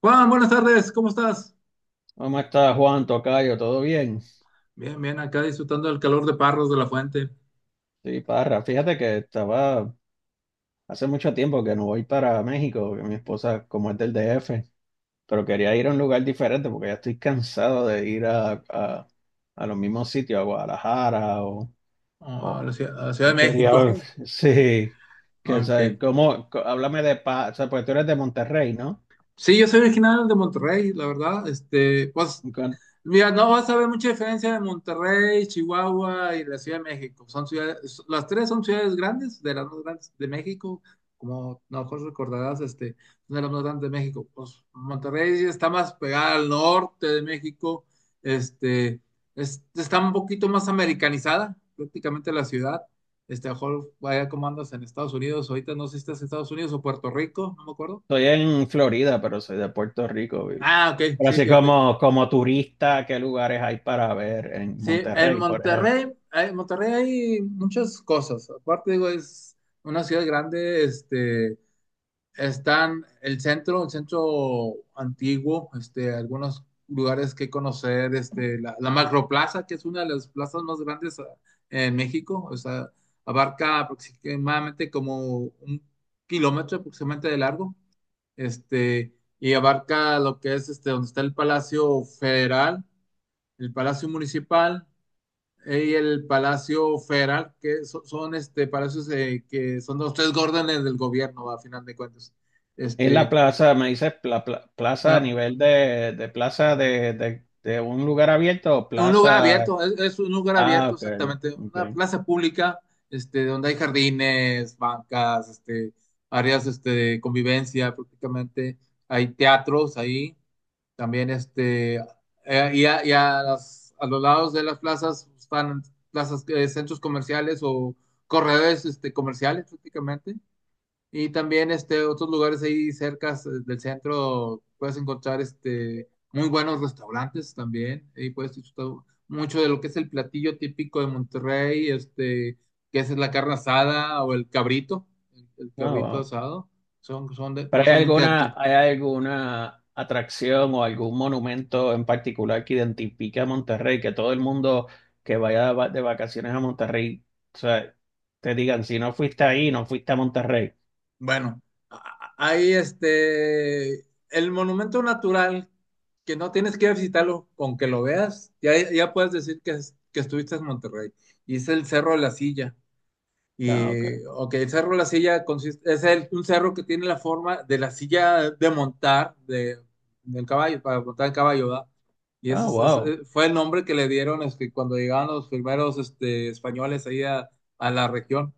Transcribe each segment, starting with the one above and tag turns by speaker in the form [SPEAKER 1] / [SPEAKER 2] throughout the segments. [SPEAKER 1] Juan, buenas tardes, ¿cómo estás?
[SPEAKER 2] ¿Cómo estás, Juan Tocayo? ¿Todo bien?
[SPEAKER 1] Bien, bien, acá disfrutando del calor de Parros de la Fuente.
[SPEAKER 2] Sí, Parra. Fíjate que estaba hace mucho tiempo que no voy para México, que mi esposa, como es del DF, pero quería ir a un lugar diferente porque ya estoy cansado de ir a los mismos sitios, a Guadalajara
[SPEAKER 1] Ah, la
[SPEAKER 2] o-
[SPEAKER 1] ciudad, a la Ciudad de
[SPEAKER 2] quería
[SPEAKER 1] México.
[SPEAKER 2] ver, sí, que, o
[SPEAKER 1] Ok.
[SPEAKER 2] sea, ¿cómo? Co- Háblame de paz, o sea, pues tú eres de Monterrey, ¿no?
[SPEAKER 1] Sí, yo soy original de Monterrey, la verdad. Pues,
[SPEAKER 2] Con-
[SPEAKER 1] mira, no vas a ver mucha diferencia de Monterrey, Chihuahua y la Ciudad de México. Son ciudades, las tres son ciudades grandes, de las más grandes de México, como a lo mejor recordarás, una de las más grandes de México. Pues Monterrey está más pegada al norte de México. este, Está un poquito más americanizada, prácticamente la ciudad. A lo mejor vaya como andas en Estados Unidos, ahorita no sé si estás en Estados Unidos o Puerto Rico, no me acuerdo.
[SPEAKER 2] Estoy en Florida, pero soy de Puerto Rico.
[SPEAKER 1] Ah, ok,
[SPEAKER 2] Pero
[SPEAKER 1] sí,
[SPEAKER 2] así
[SPEAKER 1] fíjate.
[SPEAKER 2] como, como turista, ¿qué lugares hay para ver en
[SPEAKER 1] Sí,
[SPEAKER 2] Monterrey, por ejemplo?
[SPEAKER 1] En Monterrey hay muchas cosas. Aparte, digo, es una ciudad grande. Están el centro antiguo, algunos lugares que conocer, la Macroplaza, que es una de las plazas más grandes en México. O sea, abarca aproximadamente como un kilómetro aproximadamente de largo, este, y abarca lo que es, donde está el Palacio Federal, el Palacio Municipal, y el Palacio Federal, son palacios, que son los tres órdenes del gobierno, a final de cuentas.
[SPEAKER 2] Es la
[SPEAKER 1] Este,
[SPEAKER 2] plaza, me dices plaza a
[SPEAKER 1] no.
[SPEAKER 2] nivel de plaza de un lugar abierto o
[SPEAKER 1] Un lugar
[SPEAKER 2] plaza.
[SPEAKER 1] abierto, es un lugar
[SPEAKER 2] Ah,
[SPEAKER 1] abierto
[SPEAKER 2] ok,
[SPEAKER 1] exactamente,
[SPEAKER 2] ok.
[SPEAKER 1] una plaza pública, donde hay jardines, bancas, áreas de convivencia prácticamente, hay teatros ahí. También y a a los lados de las plazas están plazas, centros comerciales o corredores comerciales prácticamente. Y también otros lugares ahí cerca del centro puedes encontrar muy buenos restaurantes también. Ahí puedes disfrutar mucho de lo que es el platillo típico de Monterrey, que es la carne asada o el
[SPEAKER 2] Ah,
[SPEAKER 1] cabrito
[SPEAKER 2] wow.
[SPEAKER 1] asado.
[SPEAKER 2] ¿Pero
[SPEAKER 1] Cosas muy
[SPEAKER 2] hay alguna atracción o algún monumento en particular que identifique a Monterrey? Que todo el mundo que vaya de de vacaciones a Monterrey, o sea, te digan, si no fuiste ahí, no fuiste a Monterrey.
[SPEAKER 1] Bueno, ahí el monumento natural, que no tienes que visitarlo, con que lo veas, ya, ya puedes decir que, que estuviste en Monterrey. Y es el Cerro de la Silla.
[SPEAKER 2] Ah, ok.
[SPEAKER 1] Y, ok, el Cerro de la Silla consiste, un cerro que tiene la forma de la silla de montar, de, del caballo, para montar el caballo, ¿verdad? Y ese,
[SPEAKER 2] Ah,
[SPEAKER 1] ese
[SPEAKER 2] wow.
[SPEAKER 1] fue el nombre que le dieron cuando llegaban los primeros españoles ahí a la región.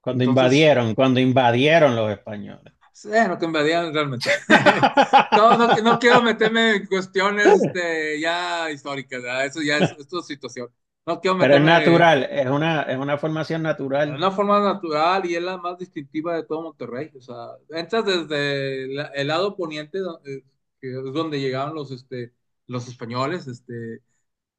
[SPEAKER 1] Entonces...
[SPEAKER 2] Cuando invadieron los españoles.
[SPEAKER 1] Bueno, cambiarían realmente. No, no, no quiero meterme en cuestiones ya históricas, ¿verdad? Eso ya es tu situación. No quiero
[SPEAKER 2] Pero es
[SPEAKER 1] meterme en
[SPEAKER 2] natural, es una formación natural,
[SPEAKER 1] una forma natural y es la más distintiva de todo Monterrey. O sea, entras desde el lado poniente, que es donde llegaron los españoles. este,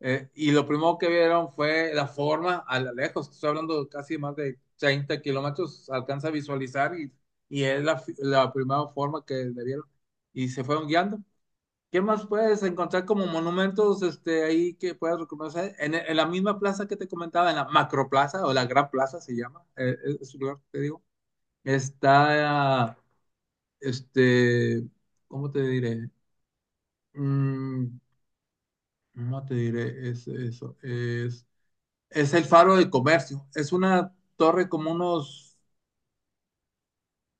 [SPEAKER 1] eh, Y lo primero que vieron fue la forma a la lejos, estoy hablando de casi más de 30 kilómetros, alcanza a visualizar, y es la la primera forma que le vieron y se fueron guiando. ¿Qué más puedes encontrar como monumentos ahí que puedas reconocer? En la misma plaza que te comentaba, en la Macroplaza o la Gran Plaza se llama, es un lugar, que te digo, está, este, ¿cómo te diré? Mm, no te diré es, eso, es. Es el Faro de Comercio. Es una torre como unos,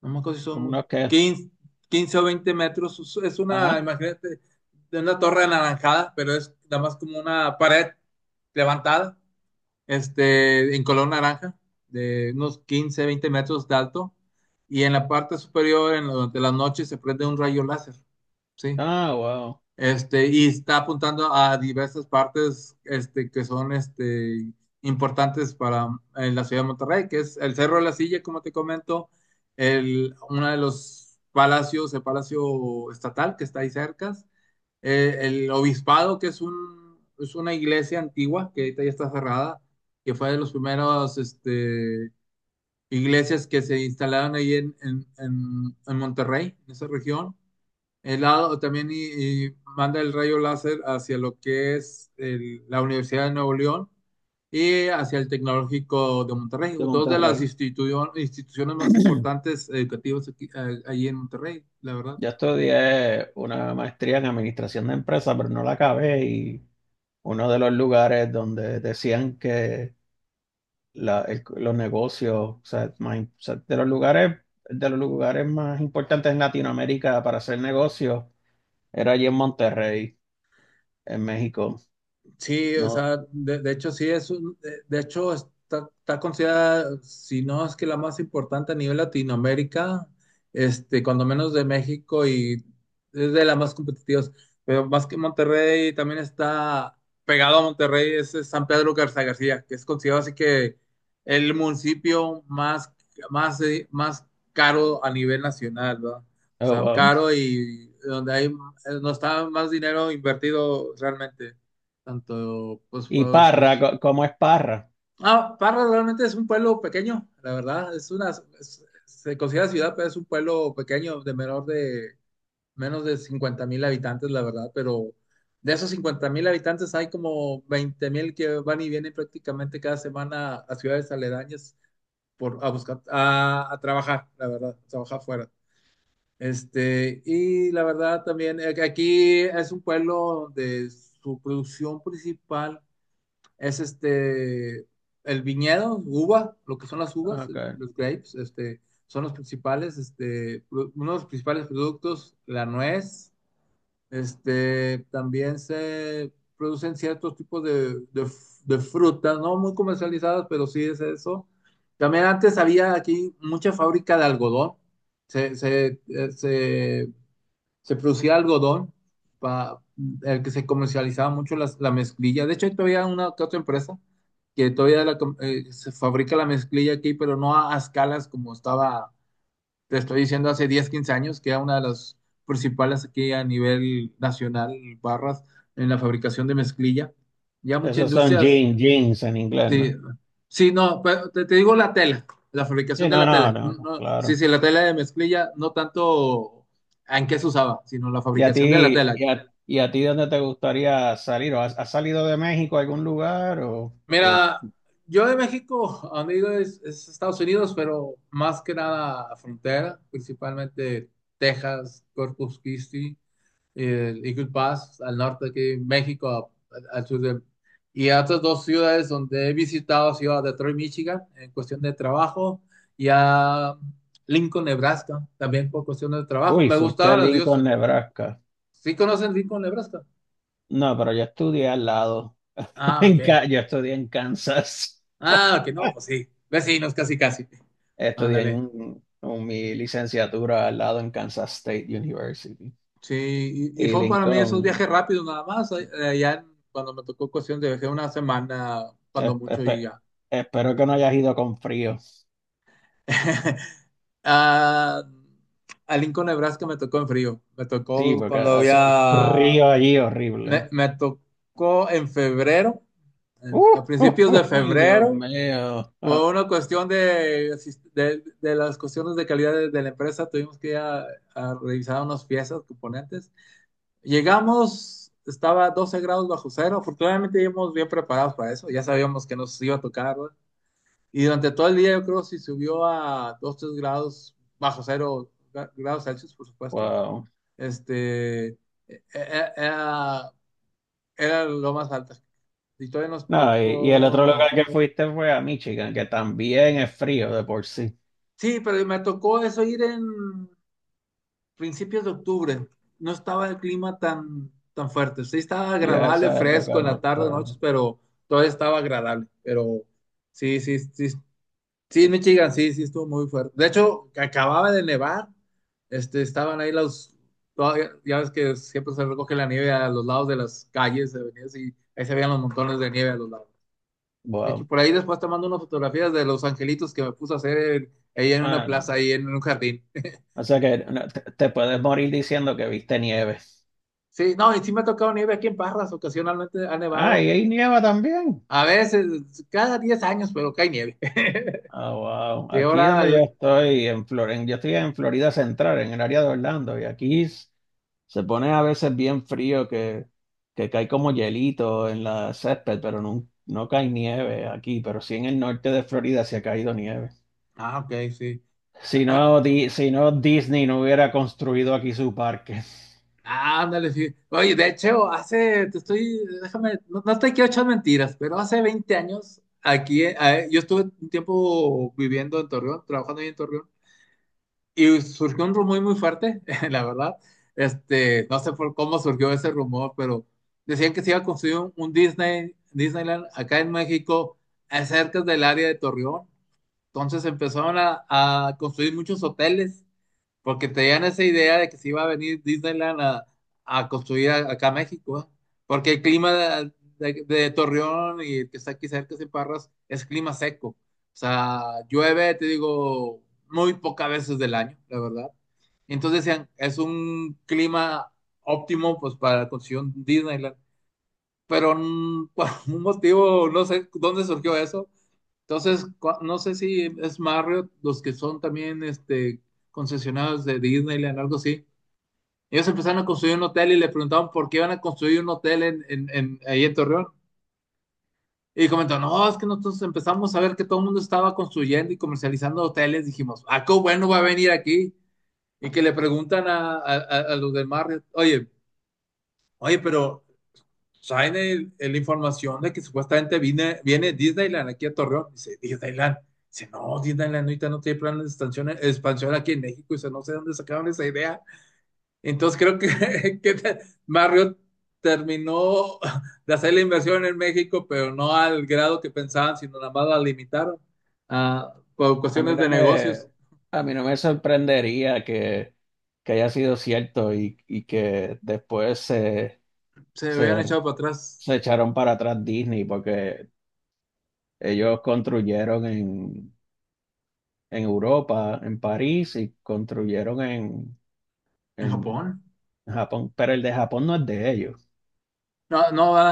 [SPEAKER 1] no me acuerdo si
[SPEAKER 2] como
[SPEAKER 1] son
[SPEAKER 2] unos que.
[SPEAKER 1] quince, 15 o 20 metros. Es una,
[SPEAKER 2] Ajá.
[SPEAKER 1] imagínate, de una torre anaranjada, pero es nada más como una pared levantada, en color naranja, de unos 15, 20 metros de alto. Y en la parte superior, en, durante la noche, se prende un rayo láser, ¿sí?
[SPEAKER 2] Ah, wow.
[SPEAKER 1] Y está apuntando a diversas partes que son importantes para la ciudad de Monterrey, que es el Cerro de la Silla, como te comento, el, uno de los palacios, el Palacio Estatal, que está ahí cerca, el Obispado, que es, un, es una iglesia antigua, que ahorita ya está cerrada, que fue de los primeros iglesias que se instalaron ahí en, en Monterrey, en esa región helado también, y manda el rayo láser hacia lo que es la Universidad de Nuevo León y hacia el Tecnológico de Monterrey,
[SPEAKER 2] De
[SPEAKER 1] dos de las
[SPEAKER 2] Monterrey.
[SPEAKER 1] instituciones más importantes educativas allí en Monterrey, la verdad.
[SPEAKER 2] Yo estudié una maestría en administración de empresas, pero no la acabé. Y uno de los lugares donde decían que los negocios, o sea, de los lugares más importantes en Latinoamérica para hacer negocios, era allí en Monterrey, en México.
[SPEAKER 1] Sí, o
[SPEAKER 2] No,
[SPEAKER 1] sea, de hecho sí es de hecho está, está considerada, si no es que la más importante a nivel Latinoamérica, cuando menos de México, y es de las más competitivas, pero más que Monterrey también está pegado a Monterrey, es San Pedro Garza García, que es considerado así que el municipio más, más, más caro a nivel nacional, ¿verdad? O
[SPEAKER 2] oh,
[SPEAKER 1] sea,
[SPEAKER 2] wow.
[SPEAKER 1] caro y donde hay, no está más dinero invertido realmente. Tanto, pues,
[SPEAKER 2] Y Parra,
[SPEAKER 1] sí.
[SPEAKER 2] ¿cómo es Parra?
[SPEAKER 1] Ah, Parras realmente es un pueblo pequeño, la verdad. Es una, se considera ciudad, pero es un pueblo pequeño, de menor de, menos de 50 mil habitantes, la verdad. Pero de esos 50 mil habitantes hay como 20 mil que van y vienen prácticamente cada semana a ciudades aledañas por, a buscar, a trabajar, la verdad, a trabajar fuera. Y la verdad también, que aquí es un pueblo donde su producción principal es el viñedo, uva, lo que son las uvas,
[SPEAKER 2] Ok.
[SPEAKER 1] los grapes. Son los principales, uno de los principales productos, la nuez, también se producen ciertos tipos de, de frutas, no muy comercializadas, pero sí es eso. También antes había aquí mucha fábrica de algodón, se se producía algodón, pa- el que se comercializaba mucho la mezclilla. De hecho, hay todavía una que otra empresa que todavía se fabrica la mezclilla aquí, pero no a, a escalas como estaba, te estoy diciendo, hace 10, 15 años, que era una de las principales aquí a nivel nacional, barras, en la fabricación de mezclilla. Ya muchas
[SPEAKER 2] Esos son
[SPEAKER 1] industrias.
[SPEAKER 2] jeans, jeans en inglés,
[SPEAKER 1] Sí,
[SPEAKER 2] ¿no?
[SPEAKER 1] sí, no, pero te digo la tela, la fabricación
[SPEAKER 2] Sí,
[SPEAKER 1] de
[SPEAKER 2] no,
[SPEAKER 1] la
[SPEAKER 2] no,
[SPEAKER 1] tela. No,
[SPEAKER 2] no, no,
[SPEAKER 1] no, sí,
[SPEAKER 2] claro.
[SPEAKER 1] sí, la tela de mezclilla, no tanto en qué se usaba, sino la fabricación de la tela.
[SPEAKER 2] Y a ti dónde te gustaría salir? ¿O has, has salido de México a algún lugar?
[SPEAKER 1] Mira, yo de México, a donde he ido es Estados Unidos, pero más que nada frontera, principalmente Texas, Corpus Christi, el Eagle Pass al norte aquí México, al sur de... Y a otras dos ciudades donde he visitado, ciudad de Detroit, Michigan, en cuestión de trabajo, y a Lincoln, Nebraska, también por cuestiones de trabajo.
[SPEAKER 2] Uy,
[SPEAKER 1] Me
[SPEAKER 2] fuiste a
[SPEAKER 1] gustaban los
[SPEAKER 2] Lincoln,
[SPEAKER 1] dioses.
[SPEAKER 2] Nebraska.
[SPEAKER 1] ¿Sí conocen Lincoln, Nebraska?
[SPEAKER 2] No, pero yo estudié al lado.
[SPEAKER 1] Ah,
[SPEAKER 2] En,
[SPEAKER 1] ok.
[SPEAKER 2] Yo estudié en Kansas.
[SPEAKER 1] Ah, ok, no, pues sí. Vecinos, casi, casi.
[SPEAKER 2] Estudié
[SPEAKER 1] Ándale.
[SPEAKER 2] en mi licenciatura al lado en Kansas State University.
[SPEAKER 1] Sí, y
[SPEAKER 2] Y
[SPEAKER 1] fue para mí esos
[SPEAKER 2] Lincoln,
[SPEAKER 1] viajes rápidos nada más. Cuando me tocó cuestión de viaje una semana, cuando
[SPEAKER 2] espe-
[SPEAKER 1] mucho, y
[SPEAKER 2] espe-
[SPEAKER 1] ya.
[SPEAKER 2] espero que no hayas ido con frío.
[SPEAKER 1] Ah, a Lincoln, Nebraska me tocó en frío. Me
[SPEAKER 2] Sí,
[SPEAKER 1] tocó
[SPEAKER 2] porque
[SPEAKER 1] cuando
[SPEAKER 2] hace un
[SPEAKER 1] había.
[SPEAKER 2] frío allí
[SPEAKER 1] Me,
[SPEAKER 2] horrible.
[SPEAKER 1] me tocó en febrero,
[SPEAKER 2] ¡Uf!
[SPEAKER 1] a principios de
[SPEAKER 2] ¡Uy, Dios
[SPEAKER 1] febrero,
[SPEAKER 2] mío! Ah,
[SPEAKER 1] por una cuestión de, de las cuestiones de calidad de la empresa, tuvimos que ir a revisar unas piezas, componentes. Llegamos, estaba 12 grados bajo cero. Afortunadamente, íbamos bien preparados para eso. Ya sabíamos que nos iba a tocar, ¿no? Y durante todo el día, yo creo, si subió a dos, 3 grados, bajo cero grados Celsius, por supuesto.
[SPEAKER 2] wow.
[SPEAKER 1] este, e- Era, era lo más alto. Y todavía nos
[SPEAKER 2] No, y el otro lugar
[SPEAKER 1] tocó.
[SPEAKER 2] que fuiste fue a Michigan, que también es frío de por sí.
[SPEAKER 1] Sí, pero me tocó eso ir en principios de octubre. No estaba el clima tan, tan fuerte. Sí, estaba
[SPEAKER 2] Y a
[SPEAKER 1] agradable,
[SPEAKER 2] esa
[SPEAKER 1] fresco
[SPEAKER 2] época
[SPEAKER 1] en
[SPEAKER 2] no
[SPEAKER 1] la tarde,
[SPEAKER 2] está.
[SPEAKER 1] noches, pero todavía estaba agradable. Pero sí, sí, sí, sí, en Michigan, sí, sí, estuvo muy fuerte. De hecho, acababa de nevar, estaban ahí los, ya ves que siempre se recoge la nieve a los lados de las calles, avenidas, y ahí se veían los montones de nieve a los lados. De hecho,
[SPEAKER 2] Wow.
[SPEAKER 1] por ahí después te mando unas fotografías de los angelitos que me puse a hacer ahí en una
[SPEAKER 2] Ah, no.
[SPEAKER 1] plaza, ahí en un jardín.
[SPEAKER 2] O sea que no, te puedes morir diciendo que viste nieve.
[SPEAKER 1] Sí, no, y sí me ha tocado nieve aquí en Parras, ocasionalmente ha
[SPEAKER 2] Ah,
[SPEAKER 1] nevado.
[SPEAKER 2] y hay nieva también.
[SPEAKER 1] A veces, cada 10 años, pero cae nieve.
[SPEAKER 2] Ah, wow.
[SPEAKER 1] Sí,
[SPEAKER 2] Aquí
[SPEAKER 1] ahora,
[SPEAKER 2] donde yo estoy, en yo estoy en Florida Central, en el área de Orlando, y aquí se pone a veces bien frío que cae como hielito en la césped, pero no, no cae nieve aquí, pero sí en el norte de Florida se ha caído nieve.
[SPEAKER 1] ah, ok, sí.
[SPEAKER 2] Si
[SPEAKER 1] Ah,
[SPEAKER 2] no, si no, Disney no hubiera construido aquí su parque.
[SPEAKER 1] ah, ándale, sí. Oye, de hecho, hace, te estoy, déjame, no, no te quiero echar mentiras, pero hace 20 años, aquí, yo estuve un tiempo viviendo en Torreón, trabajando ahí en Torreón, y surgió un rumor muy fuerte, la verdad. No sé por cómo surgió ese rumor, pero decían que se iba a construir un Disney, Disneyland acá en México, cerca del área de Torreón. Entonces empezaron a construir muchos hoteles porque tenían esa idea de que se iba a venir Disneyland a construir acá a México, ¿eh? Porque el clima de, de Torreón y el que está aquí cerca de Parras es clima seco. O sea, llueve, te digo, muy pocas veces del año, la verdad. Entonces decían, es un clima óptimo pues para la construcción Disneyland. Pero por un motivo, no sé dónde surgió eso, entonces, no sé si es Marriott, los que son también concesionados de Disneyland, algo así. Ellos empezaron a construir un hotel y le preguntaban por qué iban a construir un hotel en, ahí en Torreón. Y comentó no, es que nosotros empezamos a ver que todo el mundo estaba construyendo y comercializando hoteles. Dijimos, ah, qué bueno va a venir aquí. Y que le preguntan a, a los de Marriott, oye, oye, pero traen la información de que supuestamente viene, viene Disneyland aquí a Torreón. Dice, Disneyland. Dice, no, Disneyland ahorita no tiene planes de expansión, expansión aquí en México. Dice, no sé dónde sacaron esa idea. Entonces creo que, Marriott terminó de hacer la inversión en México, pero no al grado que pensaban, sino nada más la limitaron por
[SPEAKER 2] A mí
[SPEAKER 1] cuestiones
[SPEAKER 2] no
[SPEAKER 1] de
[SPEAKER 2] me,
[SPEAKER 1] negocios.
[SPEAKER 2] a mí no me sorprendería que haya sido cierto y que después
[SPEAKER 1] Se habían
[SPEAKER 2] se,
[SPEAKER 1] echado para atrás
[SPEAKER 2] se echaron para atrás Disney porque ellos construyeron en Europa, en París, y construyeron
[SPEAKER 1] en
[SPEAKER 2] en
[SPEAKER 1] Japón.
[SPEAKER 2] Japón, pero el de Japón no es de ellos.
[SPEAKER 1] No, no va.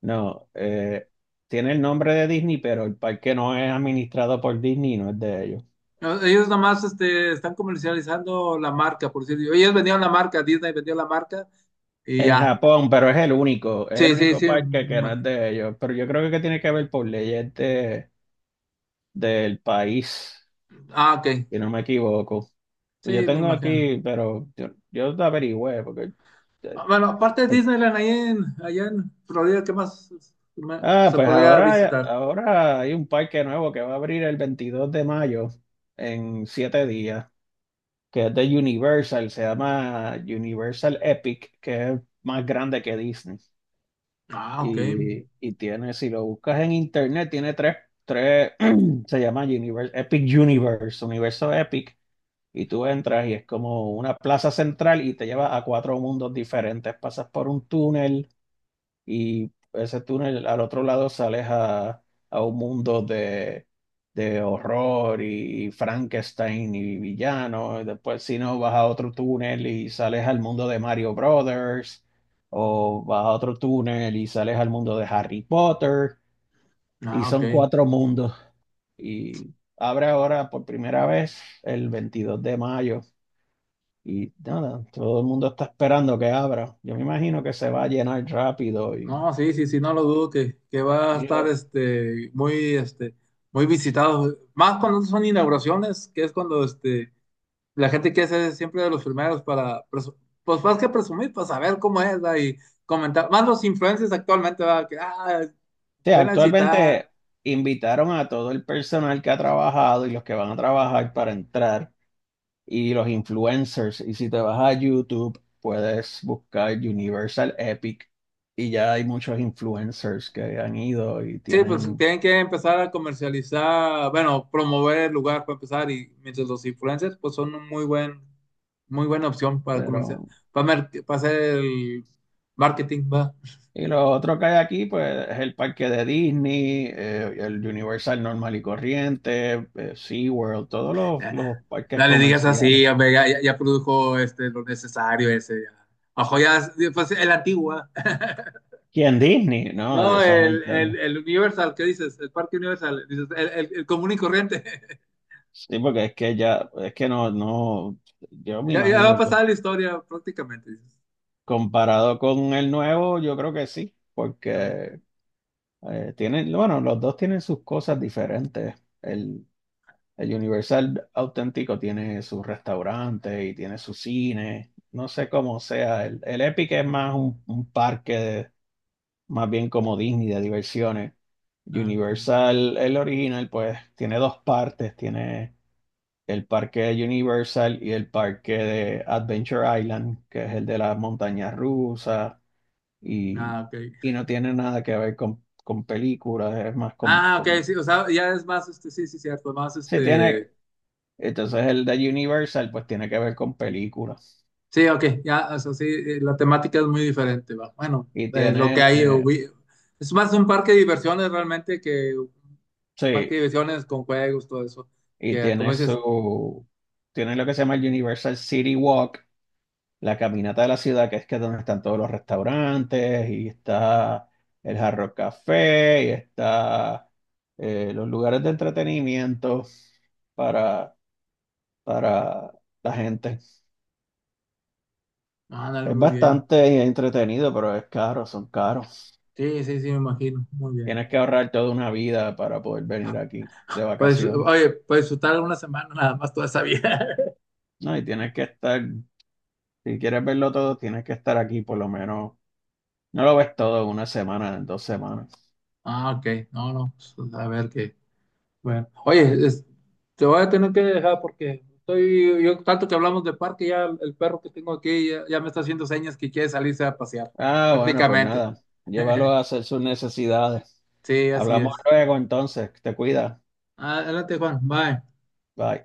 [SPEAKER 2] No, tiene el nombre de Disney, pero el parque no es administrado por Disney, no es de ellos.
[SPEAKER 1] No, ellos nomás están comercializando la marca, por decirlo. Ellos vendieron la marca, Disney vendió la marca y
[SPEAKER 2] En
[SPEAKER 1] ya.
[SPEAKER 2] Japón, pero es el
[SPEAKER 1] Sí, sí,
[SPEAKER 2] único
[SPEAKER 1] sí, me
[SPEAKER 2] parque que no es
[SPEAKER 1] imagino.
[SPEAKER 2] de ellos. Pero yo creo que tiene que ver por leyes de, del país,
[SPEAKER 1] Ah, ok.
[SPEAKER 2] si no me equivoco. Pues yo
[SPEAKER 1] Sí, me
[SPEAKER 2] tengo
[SPEAKER 1] imagino.
[SPEAKER 2] aquí, pero yo te averigüé, porque... eh,
[SPEAKER 1] Ah, bueno, aparte de Disneyland, ahí en, allá en Florida, ¿qué más
[SPEAKER 2] Ah,
[SPEAKER 1] se
[SPEAKER 2] pues
[SPEAKER 1] podría
[SPEAKER 2] ahora,
[SPEAKER 1] visitar?
[SPEAKER 2] ahora hay un parque nuevo que va a abrir el 22 de mayo en 7 días, que es de Universal, se llama Universal Epic, que es más grande que Disney.
[SPEAKER 1] Ah, ok.
[SPEAKER 2] Y tiene, si lo buscas en internet, tiene tres, tres, se llama Universe, Epic Universe, Universo Epic, y tú entras y es como una plaza central y te lleva a 4 mundos diferentes. Pasas por un túnel y ese túnel al otro lado sales a un mundo de horror y Frankenstein y villano. Y después, si no, vas a otro túnel y sales al mundo de Mario Brothers, o vas a otro túnel y sales al mundo de Harry Potter, y
[SPEAKER 1] Ah, ok.
[SPEAKER 2] son 4 mundos. Y abre ahora por primera vez el 22 de mayo. Y nada, todo el mundo está esperando que abra. Yo me imagino que se va a llenar rápido. Y,
[SPEAKER 1] No, sí, sí, sí, no lo dudo que va a estar
[SPEAKER 2] o
[SPEAKER 1] muy, muy visitado. Más cuando son inauguraciones, que es cuando la gente quiere ser siempre de los primeros para, pues más que presumir, pues saber cómo es, ¿verdad? Y comentar, más los influencers actualmente, ¿verdad? Que, ah,
[SPEAKER 2] sea,
[SPEAKER 1] ven a citar.
[SPEAKER 2] actualmente invitaron a todo el personal que ha trabajado y los que van a trabajar para entrar y los influencers. Y si te vas a YouTube, puedes buscar Universal Epic y ya hay muchos influencers que han ido y
[SPEAKER 1] Sí, pues
[SPEAKER 2] tienen,
[SPEAKER 1] tienen que empezar a comercializar, bueno, promover el lugar para empezar y mientras los influencers, pues son un muy buen, muy buena opción para comercial,
[SPEAKER 2] pero...
[SPEAKER 1] para, para hacer el marketing, va.
[SPEAKER 2] Y lo otro que hay aquí, pues, es el parque de Disney, el Universal normal y corriente, SeaWorld, todos los parques
[SPEAKER 1] No le digas
[SPEAKER 2] comerciales.
[SPEAKER 1] así, hombre, ya, ya produjo lo necesario ese, ya. Ojo, ya, pues el antiguo, ¿va?
[SPEAKER 2] ¿Quién Disney? No, de
[SPEAKER 1] No,
[SPEAKER 2] esa gente.
[SPEAKER 1] el Universal, ¿qué dices? El Parque Universal, dices, el común y corriente.
[SPEAKER 2] Sí, porque es que ya, es que no, no, yo me
[SPEAKER 1] Ya, ya va a
[SPEAKER 2] imagino que
[SPEAKER 1] pasar la historia prácticamente, dices.
[SPEAKER 2] comparado con el nuevo, yo creo que sí,
[SPEAKER 1] Ah,
[SPEAKER 2] porque eh, tienen, bueno, los dos tienen sus cosas diferentes. El, el Universal auténtico tiene su restaurante y tiene su cine. No sé cómo sea. El Epic es más un parque, más bien como Disney de diversiones.
[SPEAKER 1] ah, ok.
[SPEAKER 2] Universal, el original, pues tiene dos partes. Tiene el parque de Universal y el parque de Adventure Island, que es el de las montañas rusas. Y,
[SPEAKER 1] Ah, ok.
[SPEAKER 2] y no tiene nada que ver con películas, es más
[SPEAKER 1] Ah, ok,
[SPEAKER 2] con
[SPEAKER 1] sí, o sea, ya es más, sí, sí, cierto, más,
[SPEAKER 2] sí, tiene. Entonces el de Universal pues tiene que ver con películas.
[SPEAKER 1] sí, ok, ya, o sea, sí, la temática es muy diferente, va. Bueno,
[SPEAKER 2] Y
[SPEAKER 1] lo que
[SPEAKER 2] tiene,
[SPEAKER 1] hay, es más un parque de diversiones realmente que un parque
[SPEAKER 2] sí,
[SPEAKER 1] de diversiones con juegos, todo eso,
[SPEAKER 2] y
[SPEAKER 1] que como
[SPEAKER 2] tiene
[SPEAKER 1] dices,
[SPEAKER 2] su, tiene lo que se llama el Universal City Walk, la caminata de la ciudad, que es donde están todos los restaurantes, y está el Hard Rock Café, y está los lugares de entretenimiento para, para la gente.
[SPEAKER 1] ándale,
[SPEAKER 2] Es
[SPEAKER 1] muy bien.
[SPEAKER 2] bastante entretenido, pero es caro, son caros.
[SPEAKER 1] Sí, sí, sí, me imagino, muy bien.
[SPEAKER 2] Tienes que ahorrar toda una vida para poder venir aquí de
[SPEAKER 1] Para
[SPEAKER 2] vacaciones.
[SPEAKER 1] oye, para disfrutar una semana nada más toda esa vida.
[SPEAKER 2] No, y tienes que estar, si quieres verlo todo, tienes que estar aquí por lo menos. No lo ves todo en una semana, en dos semanas.
[SPEAKER 1] Ah, ok. No, no. Pues, a ver qué. Bueno. Oye, te voy a tener que dejar porque estoy, yo tanto que hablamos de parque, ya el perro que tengo aquí ya, ya me está haciendo señas que quiere salirse a pasear,
[SPEAKER 2] Ah, bueno, pues
[SPEAKER 1] prácticamente.
[SPEAKER 2] nada. Llévalo a hacer sus necesidades.
[SPEAKER 1] Sí, así
[SPEAKER 2] Hablamos
[SPEAKER 1] es.
[SPEAKER 2] luego entonces. Te cuida.
[SPEAKER 1] Adelante, Juan. Bye.
[SPEAKER 2] Bye.